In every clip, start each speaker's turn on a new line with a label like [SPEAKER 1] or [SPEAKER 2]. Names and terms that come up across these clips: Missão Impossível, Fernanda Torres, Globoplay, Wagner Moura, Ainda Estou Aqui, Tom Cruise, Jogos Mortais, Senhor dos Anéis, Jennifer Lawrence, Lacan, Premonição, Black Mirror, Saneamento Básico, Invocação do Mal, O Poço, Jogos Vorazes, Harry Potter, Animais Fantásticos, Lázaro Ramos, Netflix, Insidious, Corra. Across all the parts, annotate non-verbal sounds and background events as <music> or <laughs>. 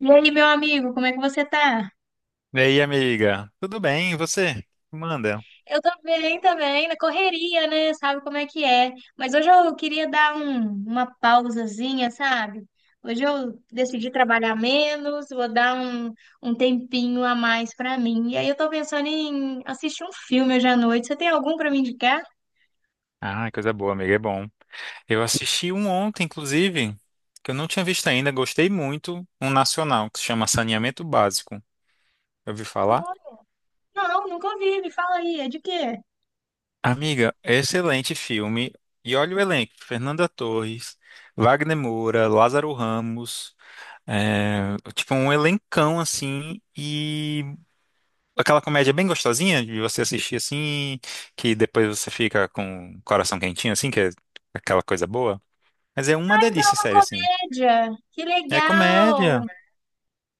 [SPEAKER 1] E aí, meu amigo, como é que você tá?
[SPEAKER 2] E aí, amiga? Tudo bem? E você? Manda.
[SPEAKER 1] Eu tô bem também, na correria, né? Sabe como é que é. Mas hoje eu queria uma pausazinha, sabe? Hoje eu decidi trabalhar menos, vou um tempinho a mais pra mim. E aí eu tô pensando em assistir um filme hoje à noite. Você tem algum pra me indicar?
[SPEAKER 2] Ah, coisa boa, amiga, é bom. Eu assisti um ontem, inclusive, que eu não tinha visto ainda, gostei muito, um nacional que se chama Saneamento Básico. Eu ouvi falar?
[SPEAKER 1] Não, nunca ouvi, me fala aí, é de quê?
[SPEAKER 2] Amiga, excelente filme. E olha o elenco: Fernanda Torres, Wagner Moura, Lázaro Ramos. É, tipo, um elencão assim. E aquela comédia bem gostosinha de você assistir assim, que depois você fica com o coração quentinho, assim, que é aquela coisa boa. Mas é uma
[SPEAKER 1] Ah, então é
[SPEAKER 2] delícia,
[SPEAKER 1] uma
[SPEAKER 2] sério, assim.
[SPEAKER 1] comédia. Que
[SPEAKER 2] É
[SPEAKER 1] legal!
[SPEAKER 2] comédia.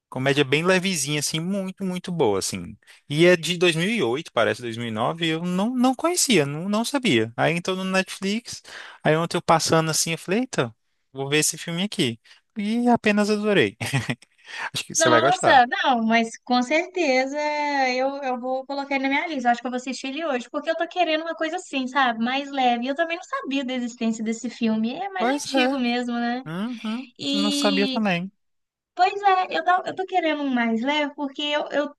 [SPEAKER 2] Comédia bem levezinha, assim, muito, muito boa, assim. E é de dois mil e oito, parece 2009, e nove, e eu não conhecia, não sabia. Aí entrou no Netflix, aí ontem eu passando assim, eu falei, eita, vou ver esse filme aqui. E apenas adorei. <laughs> Acho que você vai gostar.
[SPEAKER 1] Nossa, não, mas com certeza eu vou colocar ele na minha lista. Eu acho que eu vou assistir ele hoje, porque eu tô querendo uma coisa assim, sabe? Mais leve. Eu também não sabia da existência desse filme. É mais
[SPEAKER 2] Pois
[SPEAKER 1] antigo
[SPEAKER 2] é.
[SPEAKER 1] mesmo, né?
[SPEAKER 2] Uhum. Não sabia também.
[SPEAKER 1] Pois é, eu tô querendo um mais leve, porque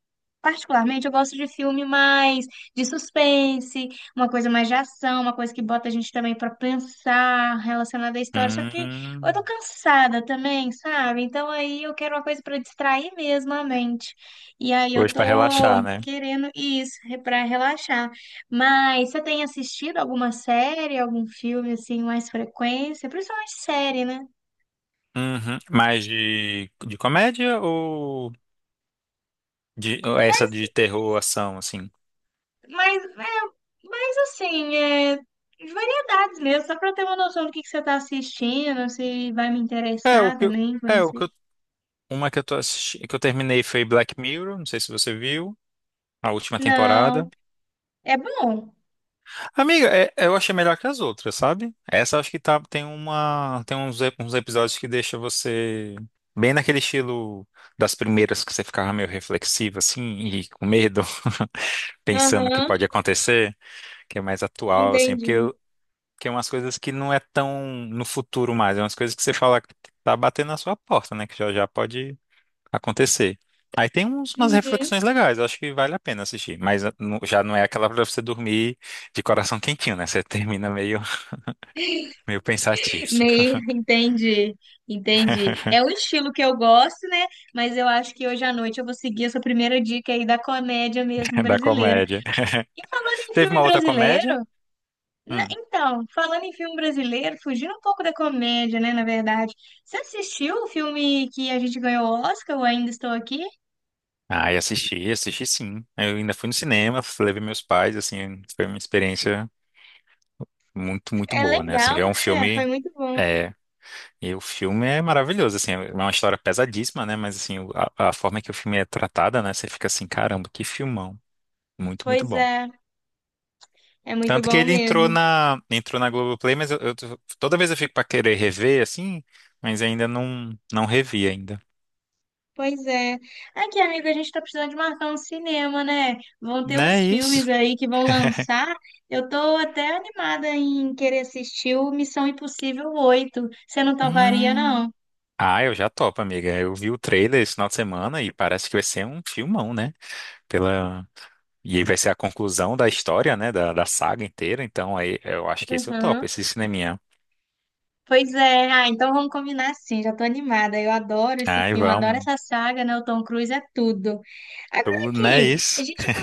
[SPEAKER 1] particularmente, eu gosto de filme mais de suspense, uma coisa mais de ação, uma coisa que bota a gente também pra pensar relacionada à história. Só que eu
[SPEAKER 2] Hum.
[SPEAKER 1] tô cansada também, sabe? Então aí eu quero uma coisa pra distrair mesmo a mente. E aí eu
[SPEAKER 2] Hoje
[SPEAKER 1] tô
[SPEAKER 2] pra relaxar, né?
[SPEAKER 1] querendo isso, pra relaxar. Mas você tem assistido alguma série, algum filme assim, mais frequência? Principalmente série, né?
[SPEAKER 2] Uhum. Mais de comédia ou de ou essa de terror, ação, assim?
[SPEAKER 1] Mas assim, é, variedades mesmo, só pra ter uma noção do que você tá assistindo, se vai me
[SPEAKER 2] É, o
[SPEAKER 1] interessar
[SPEAKER 2] que eu-
[SPEAKER 1] também
[SPEAKER 2] é o
[SPEAKER 1] conhecer.
[SPEAKER 2] que eu- uma que eu tô assistindo, que eu terminei, foi Black Mirror, não sei se você viu, a última temporada.
[SPEAKER 1] Não, é bom.
[SPEAKER 2] Amiga, eu achei melhor que as outras, sabe? Essa eu acho que tá, tem uma, tem uns, ep- uns episódios que deixa você bem naquele estilo das primeiras, que você ficava meio reflexivo, assim, e com medo, <laughs> pensando o que
[SPEAKER 1] Aham,
[SPEAKER 2] pode acontecer, que é mais atual, assim, porque
[SPEAKER 1] entendi.
[SPEAKER 2] que é umas coisas que não é tão no futuro mais, é umas coisas que você fala que tá batendo na sua porta, né? Que já já pode acontecer. Aí umas
[SPEAKER 1] Uhum.
[SPEAKER 2] reflexões legais, eu acho que vale a pena assistir. Mas já não é aquela pra você dormir de coração quentinho, né? Você termina meio pensativo.
[SPEAKER 1] Meio, entendi, entendi.
[SPEAKER 2] <laughs>
[SPEAKER 1] É um estilo que eu gosto, né? Mas eu acho que hoje à noite eu vou seguir essa primeira dica aí da comédia mesmo
[SPEAKER 2] Da
[SPEAKER 1] brasileira.
[SPEAKER 2] comédia. <laughs>
[SPEAKER 1] E falando em
[SPEAKER 2] Teve
[SPEAKER 1] filme
[SPEAKER 2] uma outra comédia?
[SPEAKER 1] brasileiro,
[SPEAKER 2] Hum.
[SPEAKER 1] então, falando em filme brasileiro, fugindo um pouco da comédia, né, na verdade. Você assistiu o filme que a gente ganhou o Oscar, o Ainda Estou Aqui?
[SPEAKER 2] Ah, e assisti sim. Eu ainda fui no cinema, levei meus pais, assim, foi uma experiência muito, muito
[SPEAKER 1] É
[SPEAKER 2] boa, né? Assim,
[SPEAKER 1] legal,
[SPEAKER 2] ver um
[SPEAKER 1] né? Foi
[SPEAKER 2] filme.
[SPEAKER 1] muito bom.
[SPEAKER 2] É, e o filme é maravilhoso, assim, é uma história pesadíssima, né? Mas assim, a forma que o filme é tratada, né? Você fica assim, caramba, que filmão. Muito, muito
[SPEAKER 1] Pois
[SPEAKER 2] bom.
[SPEAKER 1] é, é muito
[SPEAKER 2] Tanto que
[SPEAKER 1] bom
[SPEAKER 2] ele entrou
[SPEAKER 1] mesmo.
[SPEAKER 2] na, entrou na Globoplay, mas toda vez eu fico pra querer rever, assim, mas ainda não revi ainda.
[SPEAKER 1] Pois é. Aqui, amigo, a gente tá precisando de marcar um cinema, né? Vão ter
[SPEAKER 2] Não
[SPEAKER 1] uns
[SPEAKER 2] é
[SPEAKER 1] filmes
[SPEAKER 2] isso.
[SPEAKER 1] aí que vão lançar. Eu tô até animada em querer assistir o Missão Impossível 8. Você não toparia,
[SPEAKER 2] Hum.
[SPEAKER 1] não?
[SPEAKER 2] Ah, eu já topo, amiga. Eu vi o trailer esse final de semana e parece que vai ser um filmão, né? Pela... E aí vai ser a conclusão da história, né? Da saga inteira. Então aí eu acho que esse eu topo,
[SPEAKER 1] Uhum.
[SPEAKER 2] esse cineminha.
[SPEAKER 1] Pois é, ah, então vamos combinar assim, já tô animada. Eu adoro esse
[SPEAKER 2] Ai,
[SPEAKER 1] filme, adoro
[SPEAKER 2] vamos.
[SPEAKER 1] essa saga, né? O Tom Cruise é tudo. Agora
[SPEAKER 2] Tu, não é
[SPEAKER 1] aqui,
[SPEAKER 2] isso?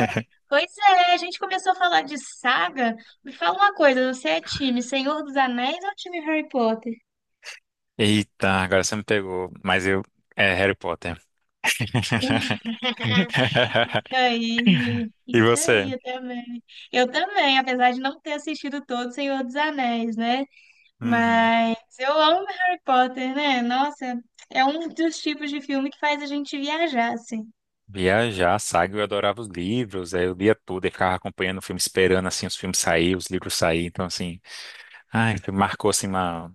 [SPEAKER 1] pois é, a gente começou a falar de saga. Me fala uma coisa, você é time Senhor dos Anéis ou time Harry Potter?
[SPEAKER 2] Eita, agora você me pegou. Mas eu. É Harry Potter. <laughs> E
[SPEAKER 1] Isso aí,
[SPEAKER 2] você?
[SPEAKER 1] eu também. Eu também, apesar de não ter assistido todo Senhor dos Anéis, né?
[SPEAKER 2] Uhum.
[SPEAKER 1] Mas eu amo Harry Potter, né? Nossa, é um dos tipos de filme que faz a gente viajar, assim.
[SPEAKER 2] Viajar, saga, eu adorava os livros, aí eu lia tudo e ficava acompanhando o filme, esperando assim os filmes saírem, os livros saírem, então assim, ai, marcou assim uma.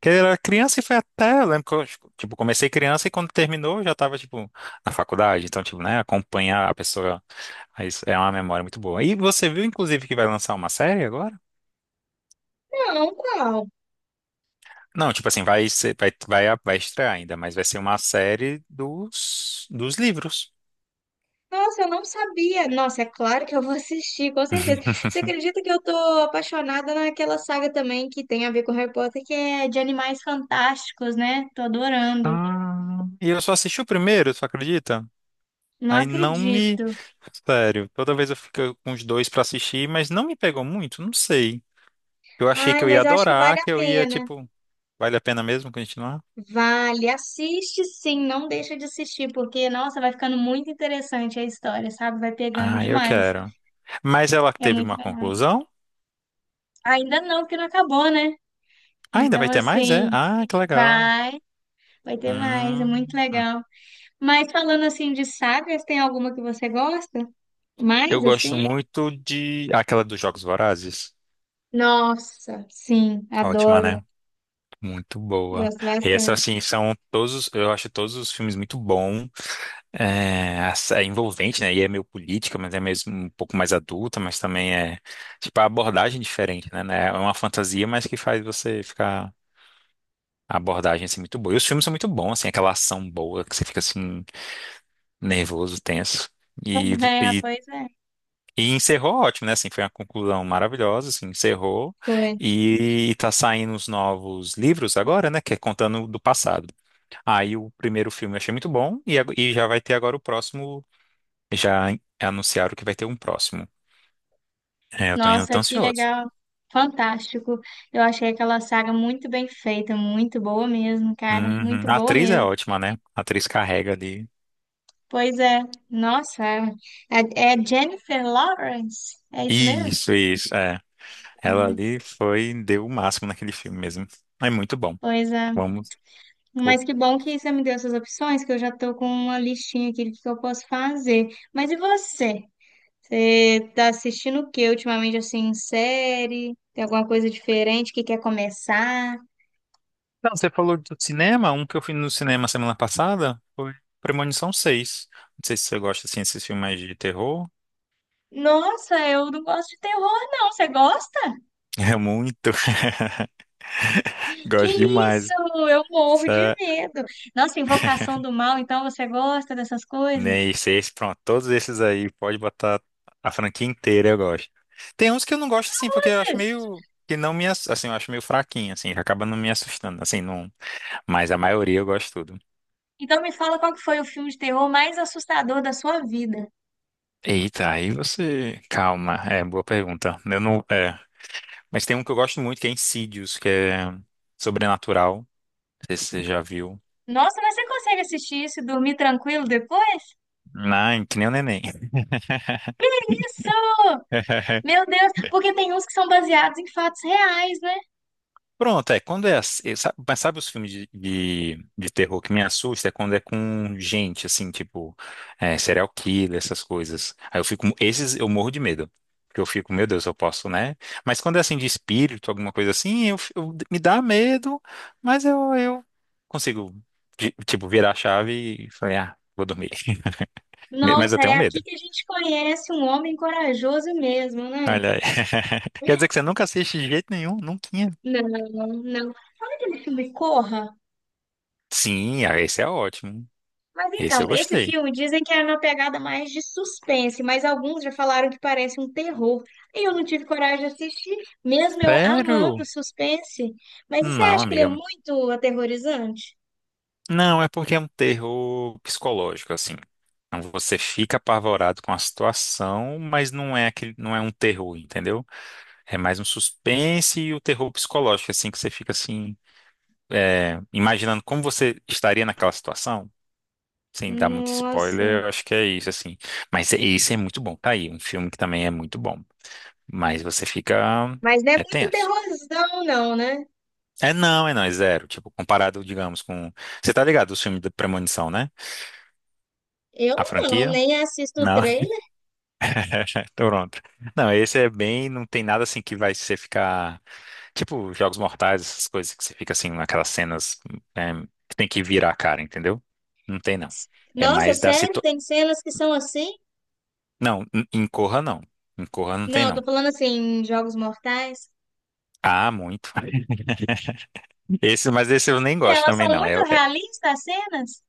[SPEAKER 2] Porque eu era criança e foi até, eu lembro que eu, tipo, comecei criança e quando terminou eu já tava, tipo, na faculdade, então, tipo, né, acompanhar a pessoa, aí isso é uma memória muito boa. E você viu, inclusive, que vai lançar uma série.
[SPEAKER 1] Não, qual?
[SPEAKER 2] Não, tipo assim, vai ser, vai estrear ainda, mas vai ser uma série dos livros.
[SPEAKER 1] Nossa, eu não sabia. Nossa, é claro que eu vou assistir, com certeza. Você
[SPEAKER 2] <laughs>
[SPEAKER 1] acredita que eu tô apaixonada naquela saga também que tem a ver com Harry Potter, que é de animais fantásticos, né? Tô adorando.
[SPEAKER 2] Ah, e eu só assisti o primeiro, tu acredita?
[SPEAKER 1] Não
[SPEAKER 2] Aí não me.
[SPEAKER 1] acredito.
[SPEAKER 2] Sério, toda vez eu fico com os dois pra assistir, mas não me pegou muito, não sei. Eu achei que
[SPEAKER 1] Ai,
[SPEAKER 2] eu ia
[SPEAKER 1] mas eu acho que
[SPEAKER 2] adorar,
[SPEAKER 1] vale a
[SPEAKER 2] que eu ia,
[SPEAKER 1] pena.
[SPEAKER 2] tipo, vale a pena mesmo continuar?
[SPEAKER 1] Vale, assiste sim, não deixa de assistir, porque, nossa, vai ficando muito interessante a história, sabe? Vai pegando
[SPEAKER 2] Ah, eu
[SPEAKER 1] demais.
[SPEAKER 2] quero. Mas ela
[SPEAKER 1] É
[SPEAKER 2] teve
[SPEAKER 1] muito
[SPEAKER 2] uma
[SPEAKER 1] legal.
[SPEAKER 2] conclusão?
[SPEAKER 1] Ainda não, porque não acabou, né?
[SPEAKER 2] Ah, ainda
[SPEAKER 1] Então,
[SPEAKER 2] vai ter mais, é?
[SPEAKER 1] assim,
[SPEAKER 2] Ah, que legal.
[SPEAKER 1] vai, vai ter mais, é muito
[SPEAKER 2] Hum.
[SPEAKER 1] legal. Mas falando assim de sagas, tem alguma que você gosta?
[SPEAKER 2] Eu
[SPEAKER 1] Mais
[SPEAKER 2] gosto
[SPEAKER 1] assim?
[SPEAKER 2] muito de. Aquela dos Jogos Vorazes.
[SPEAKER 1] Nossa, sim,
[SPEAKER 2] Ótima,
[SPEAKER 1] adoro.
[SPEAKER 2] né? Muito boa.
[SPEAKER 1] Gosto
[SPEAKER 2] E essa,
[SPEAKER 1] bastante.
[SPEAKER 2] assim, são todos, eu acho todos os filmes muito bom, é envolvente, né? E é meio política, mas é mesmo um pouco mais adulta, mas também é, tipo, a abordagem diferente, né? É uma fantasia, mas que faz você ficar, a abordagem, assim, muito boa. E os filmes são muito bons, assim, aquela ação boa, que você fica, assim, nervoso, tenso.
[SPEAKER 1] <laughs>
[SPEAKER 2] E,
[SPEAKER 1] É,
[SPEAKER 2] e
[SPEAKER 1] pois é.
[SPEAKER 2] E encerrou ótimo, né? Assim, foi uma conclusão maravilhosa, assim, encerrou.
[SPEAKER 1] Foi.
[SPEAKER 2] E tá saindo os novos livros agora, né? Que é contando do passado. Aí o primeiro filme eu achei muito bom e já vai ter agora o próximo. Já anunciaram que vai ter um próximo. É, eu tô indo
[SPEAKER 1] Nossa,
[SPEAKER 2] tão
[SPEAKER 1] que
[SPEAKER 2] ansioso.
[SPEAKER 1] legal. Fantástico. Eu achei aquela saga muito bem feita, muito boa mesmo, cara.
[SPEAKER 2] Uhum.
[SPEAKER 1] Muito
[SPEAKER 2] A
[SPEAKER 1] boa
[SPEAKER 2] atriz é
[SPEAKER 1] mesmo.
[SPEAKER 2] ótima, né? A atriz carrega ali.
[SPEAKER 1] Pois é. Nossa, é, é Jennifer Lawrence? É isso mesmo?
[SPEAKER 2] Isso, é. Ela
[SPEAKER 1] Lawrence.
[SPEAKER 2] ali foi, deu o máximo naquele filme mesmo. É muito bom.
[SPEAKER 1] Pois é.
[SPEAKER 2] Vamos.
[SPEAKER 1] Mas que bom que você me deu essas opções, que eu já estou com uma listinha aqui do que eu posso fazer. Mas e você? Você está assistindo o que ultimamente, assim, em série? Tem alguma coisa diferente que quer começar?
[SPEAKER 2] Não, você falou do cinema, um que eu fui no cinema semana passada foi Premonição 6. Não sei se você gosta assim desses filmes mais de terror.
[SPEAKER 1] Nossa, eu não gosto de terror, não. Você gosta?
[SPEAKER 2] É muito. <laughs>
[SPEAKER 1] Que
[SPEAKER 2] Gosto demais.
[SPEAKER 1] isso? Eu morro de
[SPEAKER 2] Essa-
[SPEAKER 1] medo. Nossa, Invocação do Mal, então você gosta dessas coisas?
[SPEAKER 2] Nem seis, pronto, todos esses aí, pode botar a franquia inteira, eu gosto. Tem uns que eu não gosto assim, porque eu
[SPEAKER 1] Nossa,
[SPEAKER 2] acho meio que não me, assim, eu acho meio fraquinho assim, que acaba não me assustando, assim, não, mas a maioria eu gosto tudo.
[SPEAKER 1] então me fala qual que foi o filme de terror mais assustador da sua vida.
[SPEAKER 2] Eita, aí você, calma, é boa pergunta. Eu não, é. Mas tem um que eu gosto muito, que é Insidious, que é sobrenatural. Não sei se você já viu.
[SPEAKER 1] Nossa, mas você consegue assistir isso e dormir tranquilo depois?
[SPEAKER 2] Não, que nem o neném.
[SPEAKER 1] Isso!
[SPEAKER 2] <laughs>
[SPEAKER 1] Meu Deus, porque tem uns que são baseados em fatos reais, né?
[SPEAKER 2] Pronto, é. Quando é assim, mas sabe os filmes de terror que me assusta? É quando é com gente, assim, tipo, é, serial killer, essas coisas. Aí eu fico, esses eu morro de medo. Porque eu fico, meu Deus, eu posso, né? Mas quando é assim de espírito, alguma coisa assim, me dá medo, mas eu consigo, tipo, virar a chave e falei, ah, vou dormir. <laughs> Mas eu
[SPEAKER 1] Nossa, é
[SPEAKER 2] tenho medo.
[SPEAKER 1] aqui que a gente conhece um homem corajoso mesmo, né?
[SPEAKER 2] Olha aí. <laughs> Quer dizer que você nunca assiste de jeito nenhum? Nunca.
[SPEAKER 1] Não, não. Esse filme Corra.
[SPEAKER 2] Sim, ah, esse é ótimo.
[SPEAKER 1] Mas
[SPEAKER 2] Esse
[SPEAKER 1] então,
[SPEAKER 2] eu
[SPEAKER 1] esse
[SPEAKER 2] gostei.
[SPEAKER 1] filme dizem que é uma pegada mais de suspense, mas alguns já falaram que parece um terror. E eu não tive coragem de assistir, mesmo eu amando
[SPEAKER 2] Sério?
[SPEAKER 1] suspense. Mas você
[SPEAKER 2] Não,
[SPEAKER 1] acha que ele é
[SPEAKER 2] amiga.
[SPEAKER 1] muito aterrorizante?
[SPEAKER 2] Não, é porque é um terror psicológico, assim. Então você fica apavorado com a situação, mas não é aquele, não é um terror, entendeu? É mais um suspense e o terror psicológico, assim, que você fica assim, é, imaginando como você estaria naquela situação. Sem dar muito
[SPEAKER 1] Nossa,
[SPEAKER 2] spoiler, eu acho que é isso, assim. Mas esse é muito bom. Tá aí, um filme que também é muito bom. Mas você fica.
[SPEAKER 1] mas não é
[SPEAKER 2] É
[SPEAKER 1] muito
[SPEAKER 2] tenso.
[SPEAKER 1] terrorzão, não, né?
[SPEAKER 2] É não, é não, é zero. Tipo, comparado, digamos, com. Você tá ligado, o filme da Premonição, né?
[SPEAKER 1] Eu
[SPEAKER 2] A
[SPEAKER 1] não,
[SPEAKER 2] franquia?
[SPEAKER 1] nem assisto o
[SPEAKER 2] Não.
[SPEAKER 1] trailer.
[SPEAKER 2] <laughs> Toronto. Não, esse é bem. Não tem nada assim que vai você ficar. Tipo, Jogos Mortais, essas coisas que você fica assim, naquelas cenas, é, que tem que virar a cara, entendeu? Não tem, não. É
[SPEAKER 1] Nossa,
[SPEAKER 2] mais da
[SPEAKER 1] sério?
[SPEAKER 2] situação.
[SPEAKER 1] Tem cenas que são assim?
[SPEAKER 2] Não, em Corra não. Em Corra não tem,
[SPEAKER 1] Não, eu tô
[SPEAKER 2] não.
[SPEAKER 1] falando assim, em Jogos Mortais.
[SPEAKER 2] Ah, muito. <laughs> Esse, mas esse eu nem
[SPEAKER 1] Que
[SPEAKER 2] gosto
[SPEAKER 1] elas
[SPEAKER 2] também,
[SPEAKER 1] são
[SPEAKER 2] não. É,
[SPEAKER 1] muito realistas, as cenas?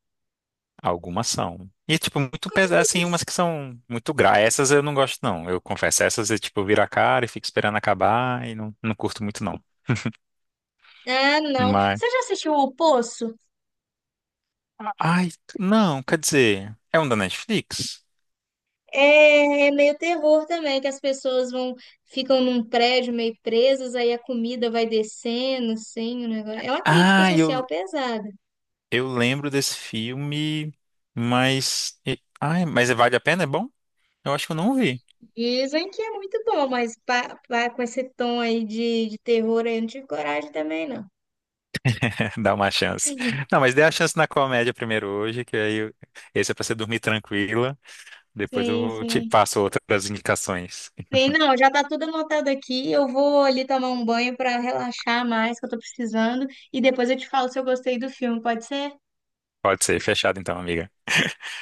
[SPEAKER 2] algumas são. E, tipo, muito pesadas, assim,
[SPEAKER 1] Cruzes.
[SPEAKER 2] umas que são muito gra. Essas eu não gosto, não. Eu confesso, essas eu, tipo, viro a cara e fico esperando acabar e não curto muito, não.
[SPEAKER 1] Ah, não.
[SPEAKER 2] Mas.
[SPEAKER 1] Você já assistiu O Poço?
[SPEAKER 2] Ai, não, quer dizer. É um da Netflix?
[SPEAKER 1] É, é meio terror também, que as pessoas vão, ficam num prédio meio presas, aí a comida vai descendo, assim, o negócio. É uma crítica
[SPEAKER 2] Ah, eu,
[SPEAKER 1] social pesada.
[SPEAKER 2] eu lembro desse filme, mas. Ai, mas é, vale a pena? É bom? Eu acho que eu não vi.
[SPEAKER 1] Dizem que é muito bom, mas com esse tom aí de terror, aí eu não tive coragem também, não.
[SPEAKER 2] <laughs> Dá uma chance. Não, mas dê a chance na comédia primeiro hoje, que aí esse é pra você dormir tranquila. Depois eu
[SPEAKER 1] Sim,
[SPEAKER 2] vou te
[SPEAKER 1] sim.
[SPEAKER 2] passo outras indicações.
[SPEAKER 1] Sim, não, já tá tudo anotado aqui. Eu vou ali tomar um banho para relaxar mais, que eu tô precisando. E depois eu te falo se eu gostei do filme, pode ser?
[SPEAKER 2] Pode ser, fechado então, amiga.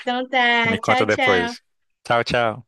[SPEAKER 1] Então tá,
[SPEAKER 2] Me conta
[SPEAKER 1] tchau, tchau.
[SPEAKER 2] depois. Tchau, tchau.